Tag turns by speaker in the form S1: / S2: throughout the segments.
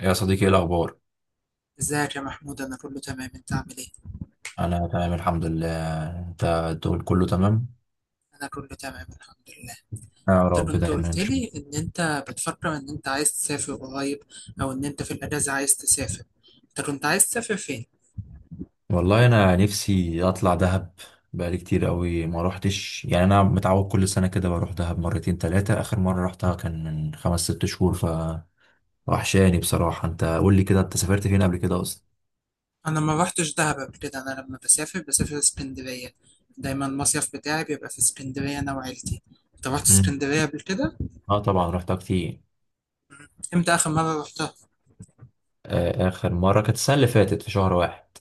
S1: يا صديقي، ايه الاخبار؟
S2: ازيك يا محمود؟ انا كله تمام، انت عامل ايه؟
S1: انا تمام الحمد لله. انت الدول كله تمام؟
S2: انا كله تمام الحمد لله.
S1: يا
S2: انت
S1: رب
S2: كنت
S1: دايما
S2: قلت
S1: إن شاء
S2: لي
S1: الله.
S2: ان انت بتفكر ان انت عايز تسافر قريب او ان انت في الاجازه عايز تسافر. انت كنت عايز تسافر فين؟
S1: والله انا نفسي اطلع دهب. بقالي كتير قوي ما روحتش، يعني انا متعود كل سنه كده بروح دهب مرتين ثلاثه. اخر مره رحتها كان من 5 6 شهور فوحشاني بصراحه. انت قول لي كده، انت سافرت فين قبل كده اصلا؟
S2: انا ما رحتش دهب قبل كده. انا لما بسافر بسافر اسكندريه. دايما المصيف بتاعي بيبقى في اسكندريه انا وعيلتي. انت رحت
S1: امم
S2: اسكندريه قبل كده؟
S1: اه، طبعا رحتها كتير.
S2: امتى اخر مره رحتها؟
S1: آه، اخر مره كانت السنه اللي فاتت في شهر واحد.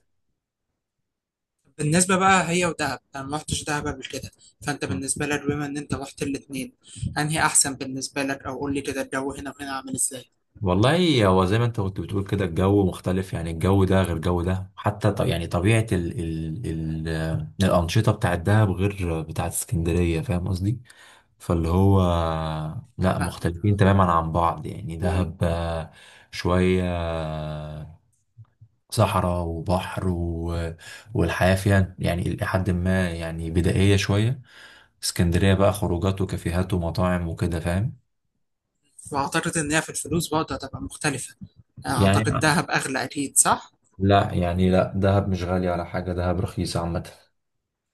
S2: بالنسبة بقى هي ودهب أنا ما رحتش دهب قبل كده. فأنت بالنسبة لك بما إن أنت رحت الاتنين، أنهي أحسن بالنسبة لك؟ أو قول لي كده الجو هنا وهنا عامل إزاي؟
S1: والله هو زي ما انت كنت بتقول كده، الجو مختلف، يعني الجو ده غير الجو ده، حتى يعني طبيعة ال ال ال آه، الأنشطة بتاعت دهب غير بتاعت اسكندرية. فاهم قصدي؟ فاللي هو، لا
S2: فاهمك،
S1: مختلفين
S2: آه.
S1: تماما عن بعض، يعني دهب شوية صحراء وبحر والحياة فيها يعني إلى حد ما يعني بدائية شوية. اسكندرية بقى خروجات وكافيهات ومطاعم وكده. فاهم؟
S2: وأعتقد إن هي في الفلوس برضه هتبقى مختلفة. يعني
S1: يعني،
S2: أعتقد دهب أغلى أكيد، صح؟
S1: لا يعني لا، دهب مش غالي ولا حاجة، دهب رخيصة عامة.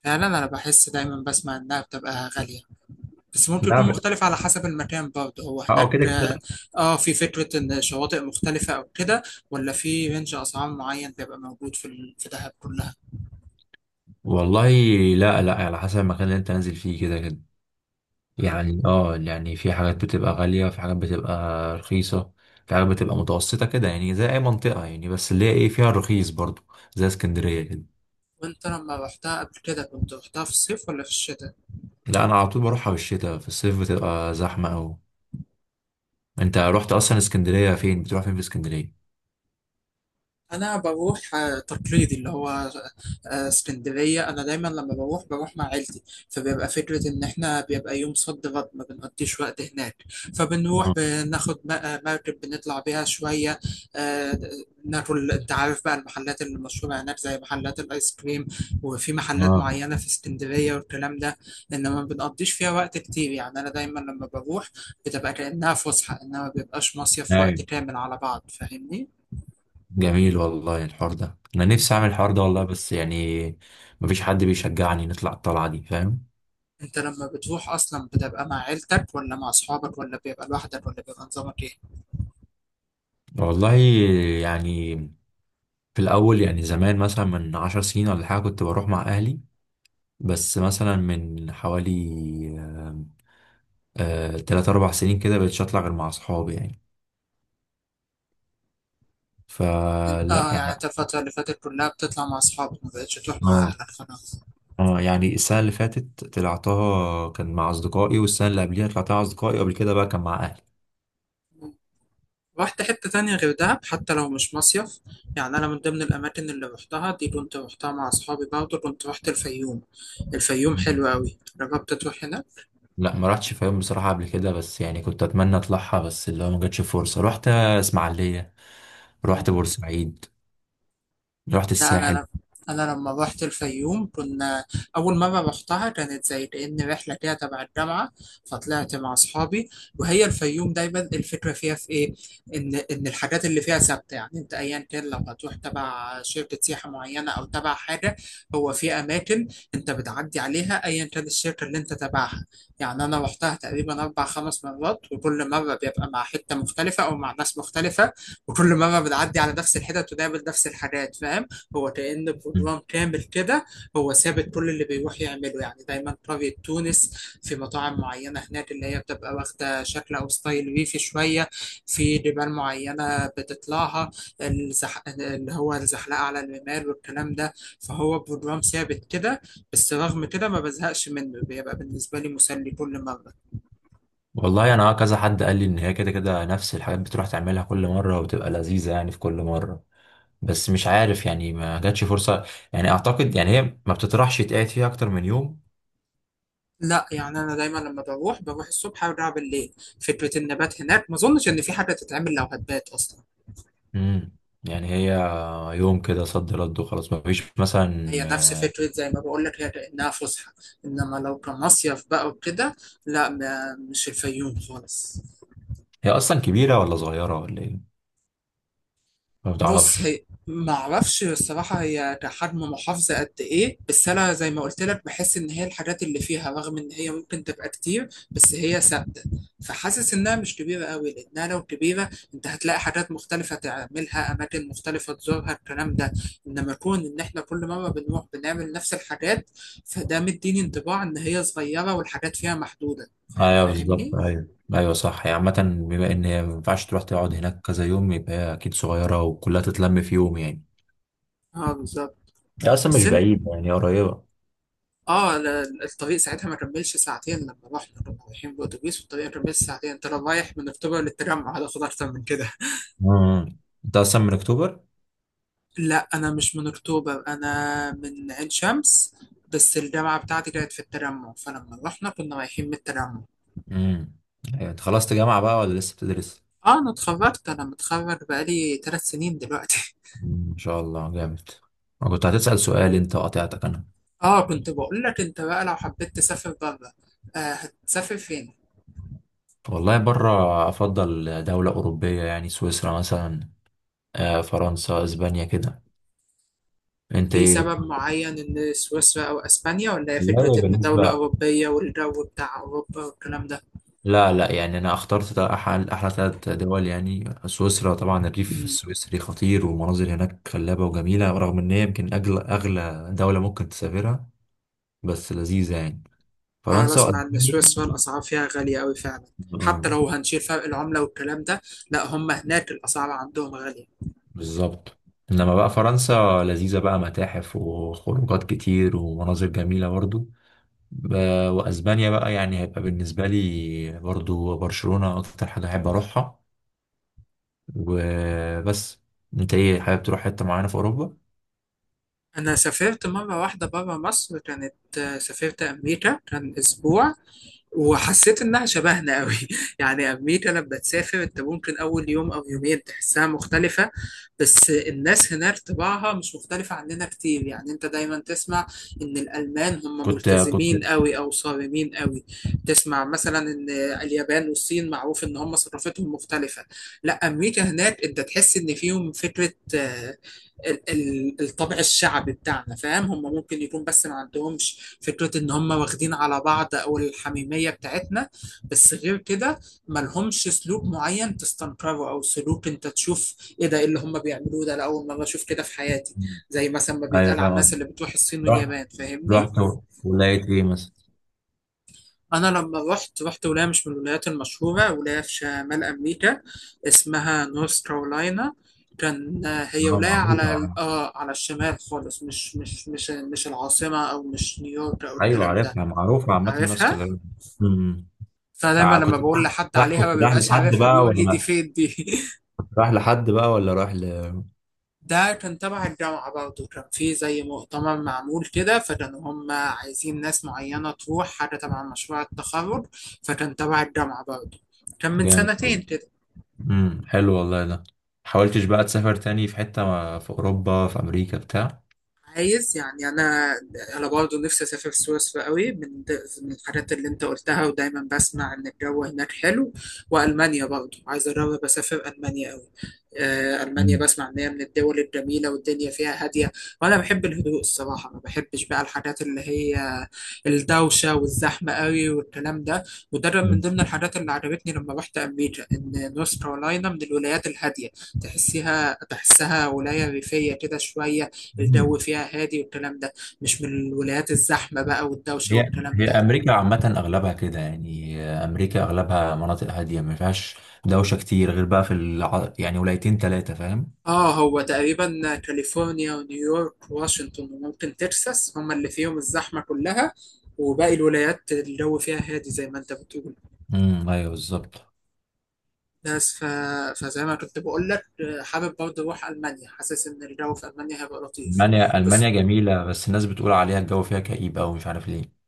S2: فعلا أنا بحس، دايما بسمع إنها بتبقى غالية. بس ممكن يكون
S1: لا،
S2: مختلف على حسب المكان برضه، هو
S1: اه
S2: هناك
S1: كده كده.
S2: في فكرة ان شواطئ مختلفة او كده، ولا في رينج اسعار معين بيبقى موجود في في دهب كلها؟
S1: والله، لا لا، على حسب المكان اللي انت نازل فيه، كده كده.
S2: مم.
S1: يعني اه، يعني في حاجات بتبقى غالية، في حاجات بتبقى رخيصة، في حاجات بتبقى متوسطة كده، يعني زي أي منطقة، يعني بس اللي هي ايه، فيها الرخيص برضو زي اسكندرية كده.
S2: وانت لما رحتها قبل كده كنت رحتها في الصيف ولا في الشتاء؟
S1: لا، أنا على طول بروحها بالشتاء، في الصيف بتبقى زحمة أوي. أنت رحت أصلا اسكندرية؟ فين بتروح فين في اسكندرية؟
S2: انا بروح تقليدي اللي هو اسكندريه. انا دايما لما بروح بروح مع عيلتي. فبيبقى فكره ان احنا بيبقى يوم صد رد ما بنقضيش وقت هناك. فبنروح
S1: اه.
S2: بناخد مركب بنطلع بيها شويه. آه، ناكل. انت عارف بقى المحلات اللي مشهوره هناك زي محلات الايس كريم، وفي محلات
S1: اه.
S2: معينه في اسكندريه والكلام ده. انما ما بنقضيش فيها وقت كتير. يعني انا دايما لما بروح بتبقى كانها فسحه، انما ما بيبقاش مصيف وقت
S1: ايوه.
S2: كامل على بعض، فاهمني؟
S1: جميل والله، الحوار ده انا نفسي اعمل الحوار ده والله، بس يعني مفيش حد بيشجعني نطلع الطلعه دي، فاهم.
S2: انت لما بتروح اصلا بتبقى مع عيلتك ولا مع اصحابك ولا بيبقى لوحدك ولا بيبقى نظامك ايه؟
S1: والله، يعني في الاول يعني زمان مثلا من 10 سنين ولا حاجه كنت بروح مع اهلي، بس مثلا من حوالي 3 4 سنين كده بقيتش اطلع غير مع اصحابي يعني.
S2: يعني
S1: فلا يعني،
S2: انت الفترة اللي فاتت كلها بتطلع مع اصحابك، ما بقتش تروح مع
S1: اه،
S2: اهلك خلاص؟
S1: اه يعني السنه اللي فاتت طلعتها كان مع اصدقائي، والسنه اللي قبليها طلعتها مع اصدقائي، وقبل كده بقى كان مع
S2: رحت حتة تانية غير دهب حتى لو مش مصيف؟ يعني أنا من ضمن الأماكن اللي روحتها دي كنت روحتها مع أصحابي، برضه كنت روحت الفيوم. الفيوم
S1: اهلي.
S2: حلوة أوي، جربت تروح هناك؟
S1: لا، ما رحتش فيوم بصراحة قبل كده، بس يعني كنت أتمنى أطلعها، بس اللي هو ما جاتش فرصة. رحت إسماعيلية، رحت بورسعيد، رحت
S2: لا انا
S1: الساحل.
S2: لم... انا لما روحت الفيوم كنا، اول مره روحتها كانت زي كأن رحله كده تبع الجامعه، فطلعت مع اصحابي. وهي الفيوم دايما الفكره فيها في ايه؟ ان الحاجات اللي فيها ثابته. يعني انت ايا كان لو هتروح تبع شركه سياحه معينه او تبع حاجه، هو في اماكن انت بتعدي عليها ايا كان الشركه اللي انت تبعها. يعني انا روحتها تقريبا اربع خمس مرات، وكل مره بيبقى مع حته مختلفه او مع ناس مختلفه، وكل مره بتعدي على نفس الحتت وتقابل نفس الحاجات، فاهم؟ هو كأن
S1: مم.
S2: بروجرام كامل كده، هو ثابت كل اللي بيروح يعمله. يعني دايما قرية تونس، في مطاعم معينة هناك اللي هي بتبقى واخدة شكل أو ستايل ريفي شوية، في جبال معينة بتطلعها، اللي هو الزحلقة على الرمال والكلام ده. فهو بروجرام ثابت كده، بس رغم كده ما بزهقش منه، بيبقى بالنسبة لي مسلي كل مرة.
S1: والله أنا كذا حد قال لي إن هي كده كده نفس الحاجات بتروح تعملها كل مرة، وبتبقى لذيذة يعني في كل مرة، بس مش عارف، يعني ما جاتش فرصة. يعني أعتقد يعني هي ما بتطرحش يتقعد فيها أكتر من يوم.
S2: لا يعني أنا دايما لما بروح بروح الصبح أرجع بالليل. فكرة النبات هناك ما أظنش إن في حاجة تتعمل لو هتبات أصلا.
S1: مم. يعني هي يوم كده صد رد وخلاص، ما فيش
S2: هي نفس
S1: مثلا.
S2: فكرة زي ما بقول لك، هي كأنها فسحة، إنما لو كمصيف بقى وكده، لا مش الفيوم خالص.
S1: هي أصلا كبيرة ولا صغيرة ولا إيه؟ ما
S2: بص
S1: بتعرفش.
S2: هي ما اعرفش الصراحه، هي كحجم محافظه قد ايه، بس انا زي ما قلت لك بحس ان هي الحاجات اللي فيها، رغم ان هي ممكن تبقى كتير، بس هي ثابته. فحاسس انها مش كبيره قوي، لانها لو كبيره انت هتلاقي حاجات مختلفه تعملها، اماكن مختلفه تزورها، الكلام ده. انما كون ان احنا كل مره بنروح بنعمل نفس الحاجات، فده مديني انطباع ان هي صغيره والحاجات فيها محدوده،
S1: ايوه
S2: فاهمني؟
S1: بالظبط، ايوه ايوه صح، يعني عامة بما ان هي ما ينفعش تروح تقعد هناك كذا يوم، يبقى هي اكيد صغيرة وكلها تتلم في يوم يعني.
S2: اه بالظبط.
S1: هي اصلا
S2: بس
S1: مش بعيد، يعني هي قريبة.
S2: اه الطريق ساعتها ما كملش ساعتين. لما رحنا كنا رايحين بالاتوبيس، والطريق ما كملش ساعتين. انت لو رايح من اكتوبر للتجمع هتاخد اكتر من كده.
S1: امم انت اصلا من اكتوبر؟
S2: لا انا مش من اكتوبر، انا من عين شمس، بس الجامعه بتاعتي كانت في التجمع، فلما رحنا كنا رايحين من التجمع.
S1: امم أيوة، انت خلصت جامعة بقى ولا لسه بتدرس؟
S2: اه انا اتخرجت. انا متخرج بقالي 3 سنين دلوقتي.
S1: مم، ما شاء الله جامد. انا كنت هتسأل سؤال، انت قاطعتك انا.
S2: اه كنت بقول لك، انت بقى لو حبيت تسافر بره، آه هتسافر فين؟
S1: والله بره افضل دولة اوروبية، يعني سويسرا مثلا، فرنسا، اسبانيا كده. انت
S2: في
S1: ايه
S2: سبب معين ان سويسرا او اسبانيا، ولا هي
S1: والله
S2: فكره ان دوله
S1: بالنسبة،
S2: اوروبيه والجو بتاع اوروبا والكلام ده؟
S1: لا لا يعني انا اخترت احلى احلى 3 دول. يعني سويسرا، طبعا الريف
S2: مم.
S1: السويسري خطير، والمناظر هناك خلابه وجميله، رغم ان هي يمكن اغلى اغلى دوله ممكن تسافرها، بس لذيذه يعني.
S2: أنا
S1: فرنسا
S2: أسمع إن
S1: وألمانيا.
S2: سويسرا الأسعار فيها غالية أوي فعلا،
S1: آه،
S2: حتى لو هنشيل فرق العملة والكلام ده. لا، هم هناك الأسعار عندهم غالية.
S1: بالظبط. انما بقى فرنسا لذيذه بقى، متاحف وخروجات كتير ومناظر جميله برضو. واسبانيا بقى، يعني هيبقى بالنسبه لي برضو برشلونه اكتر حاجه احب اروحها. وبس. انت ايه، حابب تروح حته معينه في اوروبا؟
S2: أنا سافرت مرة واحدة برا مصر، كانت سافرت أمريكا، كان أسبوع، وحسيت إنها شبهنا قوي. يعني أمريكا لما تسافر أنت ممكن أول يوم أو يومين تحسها مختلفة، بس الناس هناك طباعها مش مختلفة عننا كتير. يعني أنت دايما تسمع إن الألمان هم
S1: كنت كنت
S2: ملتزمين قوي أو صارمين قوي. تسمع مثلا إن اليابان والصين معروف إن هم ثقافتهم مختلفة. لا، أمريكا هناك أنت تحس إن فيهم فكرة الطابع الشعبي بتاعنا، فاهم؟ هم ممكن يكون بس ما عندهمش فكرة ان هم واخدين على بعض او الحميمية بتاعتنا. بس غير كده ما لهمش سلوك معين تستنكره، او سلوك انت تشوف ايه ده، إيه اللي هم بيعملوه ده، انا اول مرة اشوف كده في حياتي، زي مثلا ما
S1: ايوه
S2: بيتقال عن
S1: فاهم
S2: الناس
S1: قصدك.
S2: اللي بتروح الصين
S1: رحت
S2: واليابان، فاهمني؟
S1: ولقيت ايه مثلا؟
S2: أنا لما رحت ولاية مش من الولايات المشهورة، ولاية في شمال أمريكا، اسمها نورث كارولاينا. كان هي
S1: اه،
S2: ولاية
S1: معروفة
S2: على
S1: يعني.
S2: الشمال خالص، مش العاصمة، أو مش نيويورك أو
S1: ايوه
S2: الكلام ده.
S1: عارفها، معروفة عامة النورث
S2: عارفها؟
S1: كارولينا. امم
S2: فدايما
S1: تع-
S2: لما
S1: كنت
S2: بقول لحد
S1: راح
S2: عليها ما
S1: كنت رايح
S2: بيبقاش
S1: لحد
S2: عارفها،
S1: بقى
S2: بيقول لي دي
S1: ولا
S2: فين دي.
S1: كنت رايح لحد بقى ولا رايح ل.
S2: ده كان تبع الجامعة برضه، كان في زي مؤتمر معمول كده، فكانوا هم عايزين ناس معينة تروح حاجة تبع مشروع التخرج. فكان تبع الجامعة برضه، كان من
S1: جامد
S2: سنتين
S1: والله.
S2: كده.
S1: حلو والله ده. حاولتش بقى تسافر تاني في حتة في اوروبا، في امريكا بتاع؟
S2: عايز يعني انا برضه نفسي اسافر سويسرا قوي، من من الحاجات اللي انت قلتها، ودايما بسمع ان الجو هناك حلو. والمانيا برضه عايز اجرب اسافر المانيا قوي. المانيا بسمع ان هي من الدول الجميله والدنيا فيها هاديه، وانا بحب الهدوء الصراحه، ما بحبش بقى الحاجات اللي هي الدوشه والزحمه قوي والكلام ده. وده كان من ضمن الحاجات اللي عجبتني لما رحت امريكا، ان نورث كارولاينا من الولايات الهاديه، تحسيها تحسها ولايه ريفيه كده شويه، الجو
S1: امم
S2: فيها هادي والكلام ده. مش من الولايات الزحمة بقى والدوشة
S1: هي
S2: والكلام
S1: هي
S2: ده.
S1: امريكا عامه اغلبها كده، يعني امريكا اغلبها مناطق هاديه ما فيهاش دوشه كتير، غير بقى في يعني ولايتين ثلاثه، فاهم.
S2: اه هو تقريبا كاليفورنيا ونيويورك واشنطن وممكن تكساس هما اللي فيهم الزحمة كلها، وباقي الولايات الجو فيها هادي زي ما انت بتقول.
S1: امم، ايوه بالظبط.
S2: بس فزي ما كنت بقول لك، حابب برضه اروح المانيا، حاسس ان الجو في المانيا هيبقى لطيف.
S1: المانيا
S2: بس
S1: المانيا جميله، بس الناس بتقول عليها الجو فيها كئيب أوي، مش عارف ليه.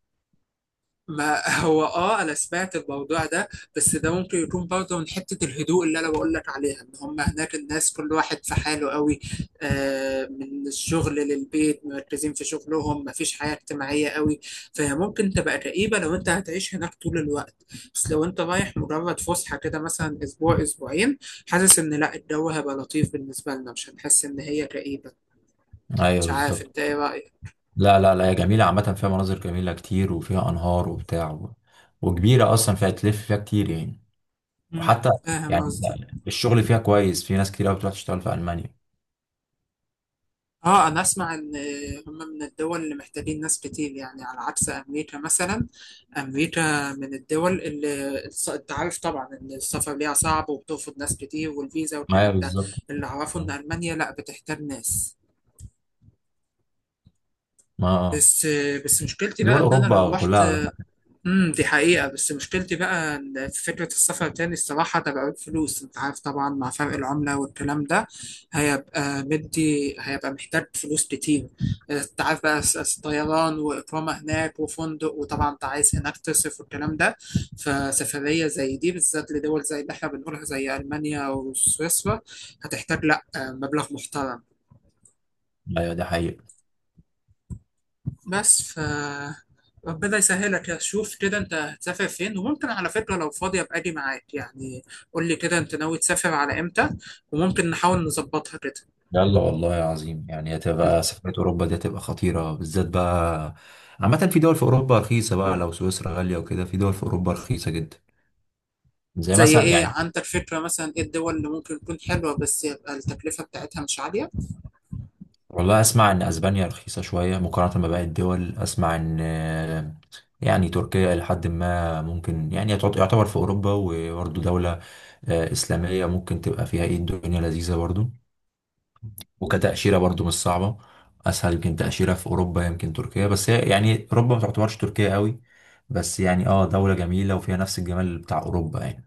S2: ما هو انا سمعت الموضوع ده. بس ده ممكن يكون برضه من حته الهدوء اللي انا بقول لك عليها، ان هم هناك الناس كل واحد في حاله قوي، من الشغل للبيت مركزين في شغلهم، ما فيش حياه اجتماعيه قوي. فهي ممكن تبقى كئيبه لو انت هتعيش هناك طول الوقت، بس لو انت رايح مجرد فسحه كده مثلا اسبوع اسبوعين، حاسس ان لا الجو هيبقى لطيف بالنسبه لنا، مش هنحس ان هي كئيبه.
S1: ايوه
S2: مش عارف
S1: بالظبط.
S2: انت ايه رايك.
S1: لا لا لا، هي جميله عامه، فيها مناظر جميله كتير وفيها انهار وبتاع وكبيره اصلا، فيها تلف فيها كتير يعني،
S2: مم.
S1: وحتى
S2: فاهم
S1: يعني
S2: قصدي.
S1: الشغل فيها كويس، في ناس كتير قوي بتروح تشتغل في المانيا.
S2: اه انا اسمع ان هم من الدول اللي محتاجين ناس كتير، يعني على عكس امريكا مثلا. امريكا من الدول اللي انت عارف طبعا ان السفر ليها صعب وبترفض ناس كتير والفيزا
S1: ايوه
S2: والكلام ده.
S1: بالظبط.
S2: اللي اعرفه ان
S1: ما
S2: المانيا لا بتحتاج ناس.
S1: ما-
S2: بس بس مشكلتي بقى
S1: دول
S2: ان انا لو
S1: اوروبا
S2: رحت.
S1: كلها.
S2: دي حقيقة، بس مشكلتي بقى إن في فكرة السفر تاني، الصراحة تبعت فلوس، انت عارف طبعا مع فرق العملة والكلام ده هيبقى مدي، هيبقى محتاج فلوس كتير. انت عارف بقى طيران وإقامة هناك وفندق، وطبعا انت عايز هناك تصرف والكلام ده. فسفرية زي دي بالذات لدول زي اللي احنا بنقولها زي ألمانيا وسويسرا هتحتاج لا مبلغ محترم.
S1: ايوه ده حقيقي.
S2: بس ربنا يسهلك يا، شوف كده انت هتسافر فين، وممكن على فكرة لو فاضي ابقى اجي معاك يعني. قول لي كده انت ناوي تسافر على امتى، وممكن نحاول نظبطها كده.
S1: يلا والله يا عظيم، يعني
S2: انت،
S1: هتبقى سفرية أوروبا دي هتبقى خطيرة بالذات بقى. عامة في دول في أوروبا رخيصة بقى، لو سويسرا غالية وكده، في دول في أوروبا رخيصة جدا، زي
S2: زي
S1: مثلا
S2: ايه
S1: يعني.
S2: عندك فكرة مثلا ايه الدول اللي ممكن تكون حلوة بس يبقى التكلفة بتاعتها مش عالية؟
S1: والله أسمع إن أسبانيا رخيصة شوية مقارنة بباقي الدول. أسمع إن آه، يعني تركيا إلى حد ما ممكن يعني يعتبر في أوروبا، وبرضه دولة إسلامية، ممكن تبقى فيها إيه الدنيا لذيذة برضه. وكتأشيرة برضو مش صعبة، أسهل يمكن تأشيرة في أوروبا يمكن تركيا، بس هي يعني أوروبا ما تعتبرش تركيا قوي، بس يعني اه دولة جميلة وفيها نفس الجمال بتاع أوروبا يعني.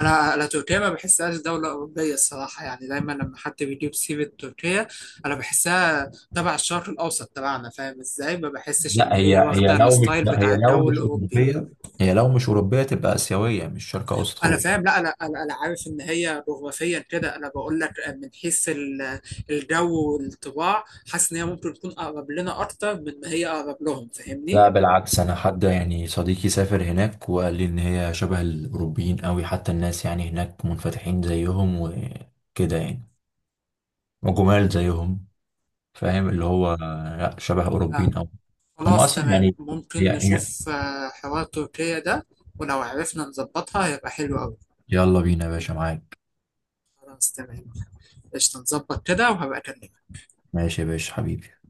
S2: انا تركيا ما بحسهاش دوله اوروبيه الصراحه. يعني دايما لما حد بيجيب سيره تركيا انا بحسها تبع الشرق الاوسط تبعنا، فاهم ازاي؟ ما بحسش ان هي واخده الستايل
S1: لا هي
S2: بتاع
S1: لو
S2: الجو
S1: مش
S2: الاوروبي.
S1: أوروبية، هي لو مش أوروبية تبقى آسيوية، مش شرق أوسط
S2: انا فاهم،
S1: خالص.
S2: لا انا انا أنا عارف ان هي جغرافيا كده، انا بقول لك من حيث الجو والطباع. حاسس ان هي ممكن تكون اقرب لنا اكتر من ما هي اقرب لهم،
S1: لا
S2: فاهمني؟
S1: بالعكس، أنا حد يعني صديقي سافر هناك وقال لي إن هي شبه الأوروبيين قوي، حتى الناس يعني هناك منفتحين زيهم وكده يعني، وجمال زيهم، فاهم اللي هو، لا، شبه
S2: آه،
S1: أوروبيين أوي. هم
S2: خلاص
S1: أصلا
S2: تمام،
S1: يعني
S2: ممكن
S1: يا- يا-
S2: نشوف حوار تركيا ده. ولو عرفنا نظبطها هيبقى حلو قوي.
S1: يلا بينا يا باشا، معاك.
S2: خلاص تمام. قشطة، نظبط كده وهبقى أكلمك.
S1: ماشي يا باشا حبيبي.